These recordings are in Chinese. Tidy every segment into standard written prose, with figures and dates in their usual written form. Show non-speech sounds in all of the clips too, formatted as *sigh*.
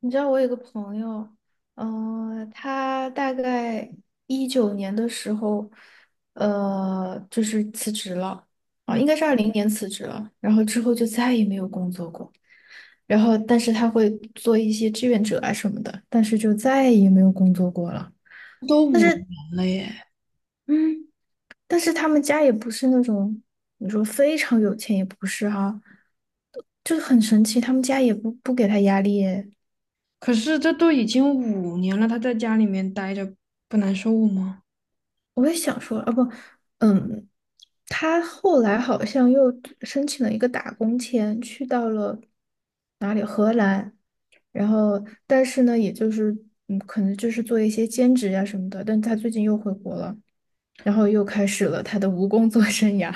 你知道我有个朋友，他大概19年的时候，就是辞职了。啊，嗯，应该是20年辞职了，然后之后就再也没有工作过。然后但是他会做一些志愿者啊什么的，但是就再也没有工作过了。都5年了耶，嗯。但是他们家也不是那种，你说非常有钱也不是哈、就很神奇，他们家也不给他压力耶。可是这都已经五年了，他在家里面待着不难受吗？我也想说，啊不，嗯，他后来好像又申请了一个打工签，去到了哪里荷兰，然后但是呢，也就是可能就是做一些兼职呀、什么的，但他最近又回国了，然后又开始了他的无工作生涯。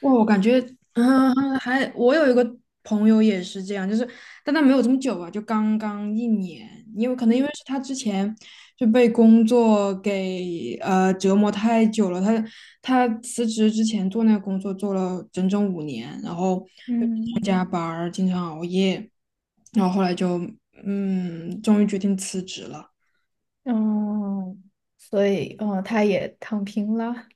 哇，我感觉 *laughs*，嗯，还我有一个朋友也是这样，就是但他没有这么久吧，就刚刚1年，因为可能因为是 *laughs* 他之前就被工作给折磨太久了，他辞职之前做那个工作做了整整五年，然后又嗯。加班儿，经常熬夜，然后后来就终于决定辞职了。嗯，哦，所以，哦，他也躺平了。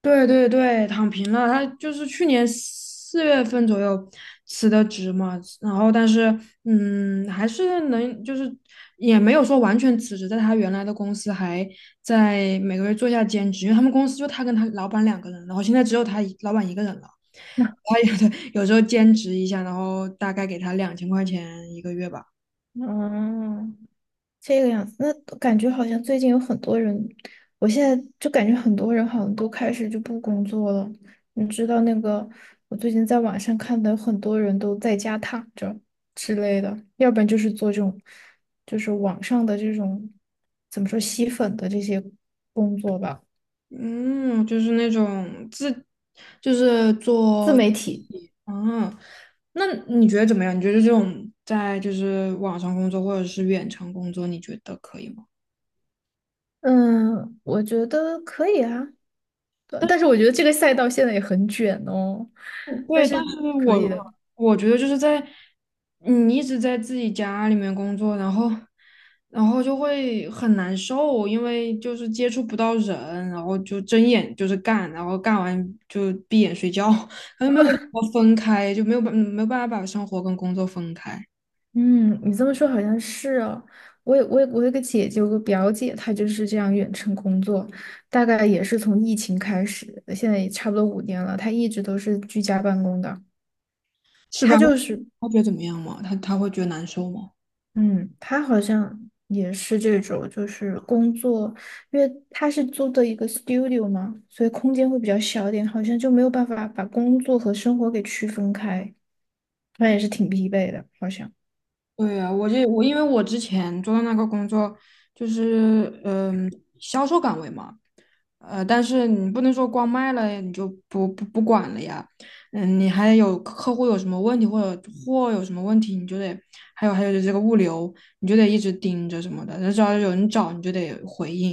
对对对，躺平了。他就是去年4月份左右辞的职嘛，然后但是还是能就是也没有说完全辞职，在他原来的公司还在每个月做一下兼职，因为他们公司就他跟他老板两个人，然后现在只有他老板一个人了。*laughs* *laughs* 他有时候兼职一下，然后大概给他2000块钱一个月吧。嗯，这个样子。那感觉好像最近有很多人，我现在就感觉很多人好像都开始就不工作了。你知道那个，我最近在网上看的，很多人都在家躺着之类的，要不然就是做这种，就是网上的这种，怎么说吸粉的这些工作吧。嗯，就是那种自，就是自做，媒体。嗯，那你觉得怎么样？你觉得这种在就是网上工作或者是远程工作，你觉得可以吗？嗯，我觉得可以啊。对，但是我觉得这个赛道现在也很卷哦，但对，但是。是可以我的。我觉得就是在你一直在自己家里面工作，然后就会很难受，因为就是接触不到人，然后就睁眼就是干，然后干完就闭眼睡觉，*laughs* 然后没有办法分开，就没有办法把生活跟工作分开，嗯，你这么说好像是哦。我有个姐姐，有个表姐，她就是这样远程工作，大概也是从疫情开始，现在也差不多5年了。她一直都是居家办公的。是吧？她就是，他觉得怎么样嘛？他会觉得难受吗？嗯，她好像也是这种，就是工作，因为她是租的一个 studio 嘛，所以空间会比较小一点，好像就没有办法把工作和生活给区分开。她也是挺疲惫的，好像。对呀，我因为我之前做的那个工作就是销售岗位嘛。但是你不能说光卖了你就不管了呀，你还有客户有什么问题或者货有什么问题，你就得，还有这个物流，你就得一直盯着什么的，那只要有人找你就得回应，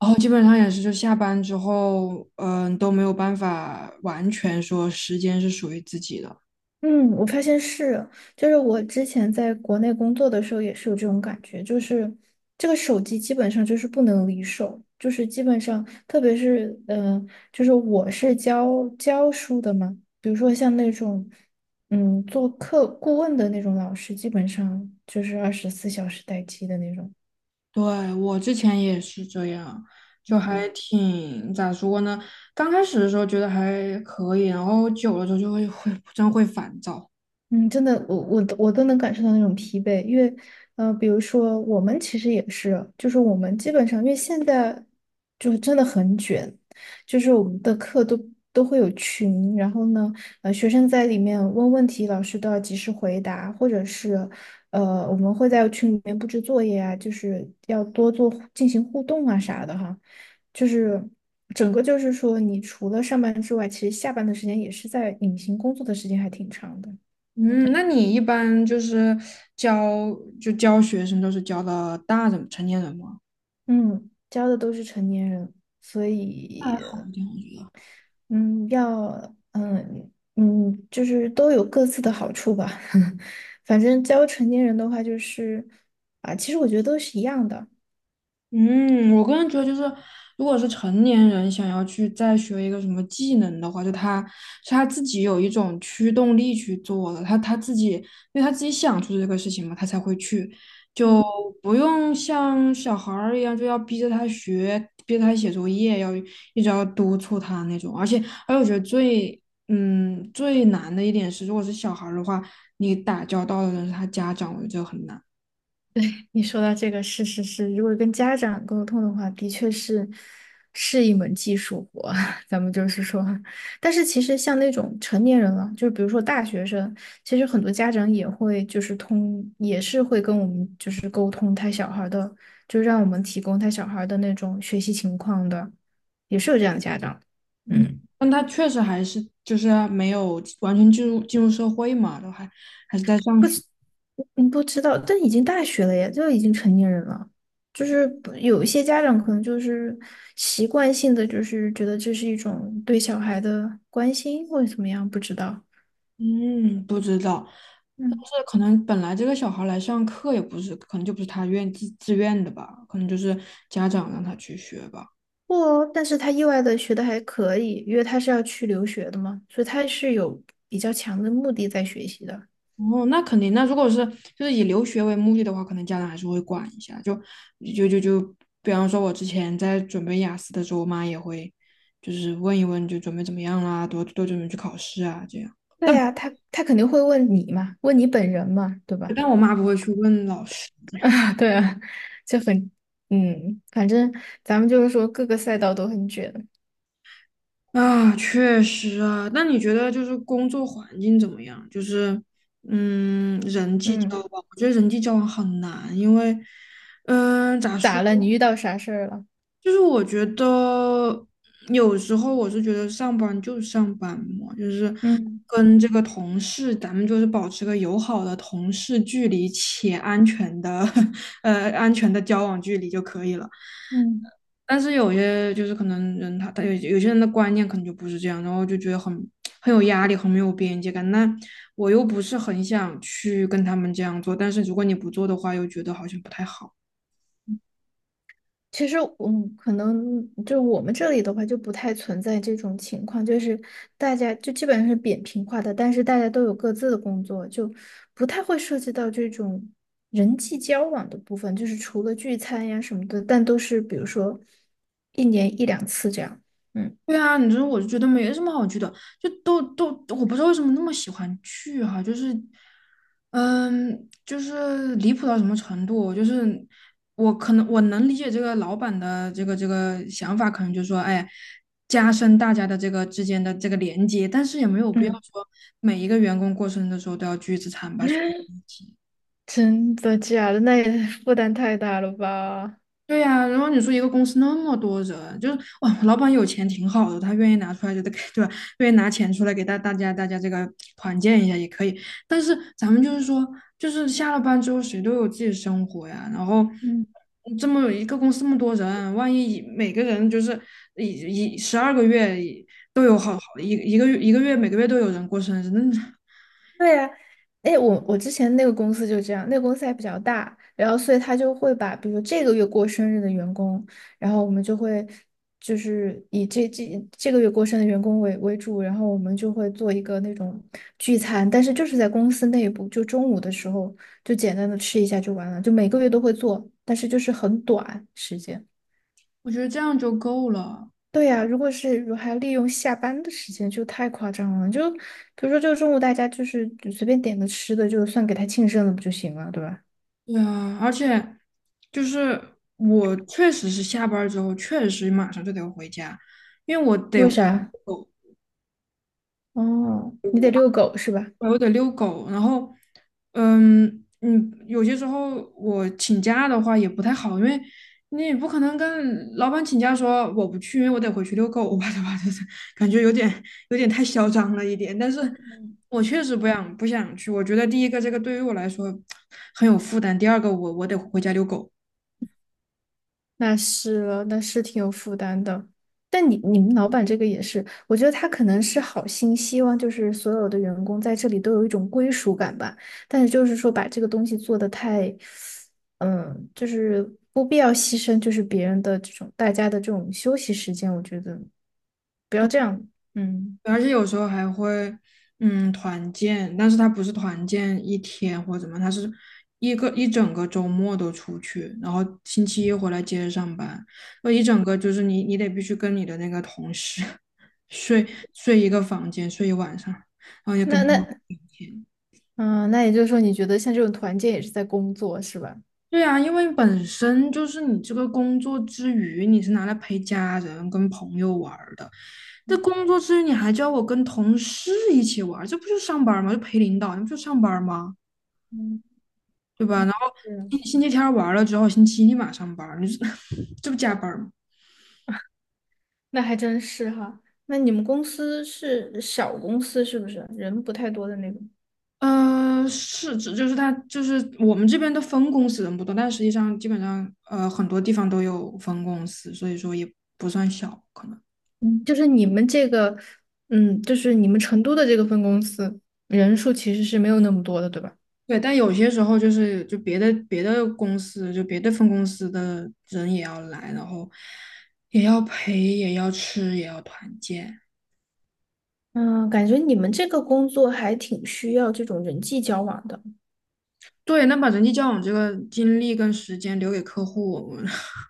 然后基本上也是就下班之后，都没有办法完全说时间是属于自己的。嗯，我发现是，就是我之前在国内工作的时候也是有这种感觉，就是这个手机基本上就是不能离手，就是基本上，特别是就是我是教书的嘛，比如说像那种做课顾问的那种老师，基本上就是24小时待机的那种。对，我之前也是这样，就还嗯。挺，咋说呢？刚开始的时候觉得还可以，然后久了之后就会真会烦躁。嗯，真的，我都能感受到那种疲惫，因为，比如说我们其实也是，就是我们基本上，因为现在就是真的很卷，就是我们的课都会有群，然后呢，学生在里面问问题，老师都要及时回答，或者是，我们会在群里面布置作业啊，就是要多做进行互动啊啥的哈，就是整个就是说，你除了上班之外，其实下班的时间也是在隐形工作的时间还挺长的。嗯，嗯。那你一般就是教教学生都是教的大人成年人吗？嗯，教的都是成年人，所还以好一点，我觉得。嗯，要嗯嗯，就是都有各自的好处吧。*laughs* 反正教成年人的话，就是啊，其实我觉得都是一样的。嗯，我个人觉得就是，如果是成年人想要去再学一个什么技能的话，就他是他自己有一种驱动力去做的，他自己因为他自己想出这个事情嘛，他才会去。嗯。不用像小孩儿一样，就要逼着他学，逼着他写作业，一直要督促他那种。而且，我觉得最难的一点是，如果是小孩儿的话，你打交道的人是他家长，我觉得这个很难。对，你说到这个是是是，如果跟家长沟通的话，的确是一门技术活。*laughs* 咱们就是说，但是其实像那种成年人了，就是比如说大学生，其实很多家长也会就是通，也是会跟我们就是沟通他小孩儿的，就让我们提供他小孩儿的那种学习情况的，也是有这样的家长。嗯。但他确实还是就是没有完全进入社会嘛，都还是在上学。嗯，不知道，但已经大学了呀，就已经成年人了。就是不有一些家长可能就是习惯性的，就是觉得这是一种对小孩的关心或者怎么样，不知道。嗯，不知道，但嗯，是可能本来这个小孩来上课也不是，可能就不是他自愿的吧，可能就是家长让他去学吧。不哦，但是他意外的学的还可以，因为他是要去留学的嘛，所以他是有比较强的目的在学习的。哦，那肯定。那如果是就是以留学为目的的话，可能家长还是会管一下。就就就就，比方说，我之前在准备雅思的时候，我妈也会就是问一问，就准备怎么样啦，多多准备去考试啊，这样。对但呀，他肯定会问你嘛，问你本人嘛，对吧？但我妈不会去问老师 *laughs* 对啊，就很，嗯，反正咱们就是说各个赛道都很卷。啊，确实啊。那你觉得就是工作环境怎么样？就是人际交嗯。往，我觉得人际交往很难，因为咋说？咋了？你遇到啥事儿了？就是我觉得有时候我是觉得上班就上班嘛，就是嗯跟这个同事，咱们就是保持个友好的同事距离且安全的 *laughs* 安全的交往距离就可以了。嗯，但是有些就是可能人他有些人的观念可能就不是这样，然后就觉得很有压力，很没有边界感。那我又不是很想去跟他们这样做，但是如果你不做的话，又觉得好像不太好。其实我可能就我们这里的话，就不太存在这种情况，就是大家就基本上是扁平化的，但是大家都有各自的工作，就不太会涉及到这种人际交往的部分，就是除了聚餐呀什么的，但都是比如说一年一两次这样。嗯。对啊，你说我就觉得没什么好去的，就我不知道为什么那么喜欢去哈、就是，就是离谱到什么程度，就是我可能我能理解这个老板的这个想法，可能就是说，哎，加深大家的这个之间的这个连接，但是也没有必要嗯。 说每一个员工过生日的时候都要聚一次餐吧，所 *laughs* 以一起真的假的？那也负担太大了吧？对呀、然后你说一个公司那么多人，就是哇，老板有钱挺好的，他愿意拿出来就得给，对吧？愿意拿钱出来给大家这个团建一下也可以。但是咱们就是说，就是下了班之后谁都有自己的生活呀，然后嗯。这么一个公司那么多人，万一每个人就是一12个月都有好好一一个月一个月每个月都有人过生日，那对呀，哎，我之前那个公司就这样。那个公司还比较大，然后所以他就会把，比如这个月过生日的员工，然后我们就会就是以这个月过生日的员工为主，然后我们就会做一个那种聚餐，但是就是在公司内部，就中午的时候就简单的吃一下就完了，就每个月都会做，但是就是很短时间。我觉得这样就够了。对呀，如果是如还利用下班的时间，就太夸张了。就比如说，就中午大家就是就随便点个吃的，就算给他庆生了，不就行了，对吧？对啊，而且就是我确实是下班儿之后，确实马上就得回家，为啥？我哦，你得遛狗是吧？我得遛狗，然后，有些时候我请假的话也不太好，因为你也不可能跟老板请假说我不去，因为我得回去遛狗吧，对吧？*laughs* 就是感觉有点太嚣张了一点，但是我确实不想去，我觉得第一个这个对于我来说很有负担，第二个我得回家遛狗。那是了，那是挺有负担的。但你们老板这个也是，我觉得他可能是好心，希望就是所有的员工在这里都有一种归属感吧。但是就是说把这个东西做得太，就是不必要牺牲，就是别人的这种大家的这种休息时间，我觉得不要这样。嗯。而且有时候还会，团建，但是他不是团建一天或怎么，他是一整个周末都出去，然后星期一回来接着上班，那一整个就是你得必须跟你的那个同事 *laughs* 睡睡一个房间，睡一晚上，然后也跟那他们那聊天。嗯，那也就是说，你觉得像这种团建也是在工作是吧？对啊，因为本身就是你这个工作之余，你是拿来陪家人、跟朋友玩儿的，这工作之余你还叫我跟同事一起玩儿这不就上班儿吗？就陪领导，你不就上班儿吗？嗯。对吧？嗯，然后星是。星期天儿玩儿了之后，星期一立马上班儿你这 *laughs* 这不加班儿吗？那还真是哈。那你们公司是小公司是不是？人不太多的那种。是，这就是他，就是我们这边的分公司人不多，但实际上基本上很多地方都有分公司，所以说也不算小可能。嗯，就是你们这个，就是你们成都的这个分公司，人数其实是没有那么多的，对吧？对，但有些时候就是就别的公司，就别的分公司的人也要来，然后也要陪，也要吃，也要团建。嗯，感觉你们这个工作还挺需要这种人际交往的。对，那把人际交往这个精力跟时间留给客户，*laughs*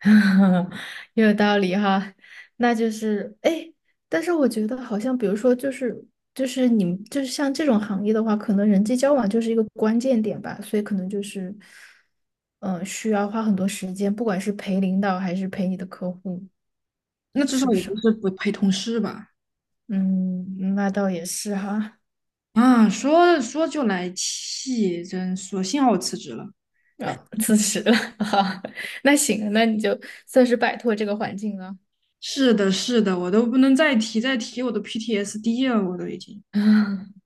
*laughs* 有道理哈。那就是哎，诶但是我觉得好像，比如说，就是你们就是像这种行业的话，可能人际交往就是一个关键点吧，所以可能就是，嗯、需要花很多时间，不管是陪领导还是陪你的客户，那至少是不我是不啊。是不陪同事吧？嗯，那倒也是哈。啊，说说就来气，真说幸好我辞职了。啊、辞职了。*laughs* 哈，那行，那你就算是摆脱这个环境了。是的，是的，我都不能再提，再提我都 PTSD 了，我都已经。*laughs*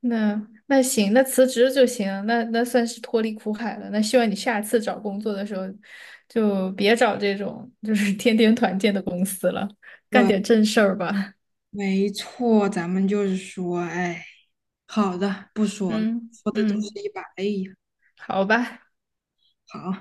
那那行，那辞职就行，那算是脱离苦海了。那希望你下次找工作的时候，就别找这种就是天天团建的公司了，干点正事儿吧。没错，咱们就是说，哎，好的，不说了，嗯说的都是嗯，一把泪呀。好吧。好。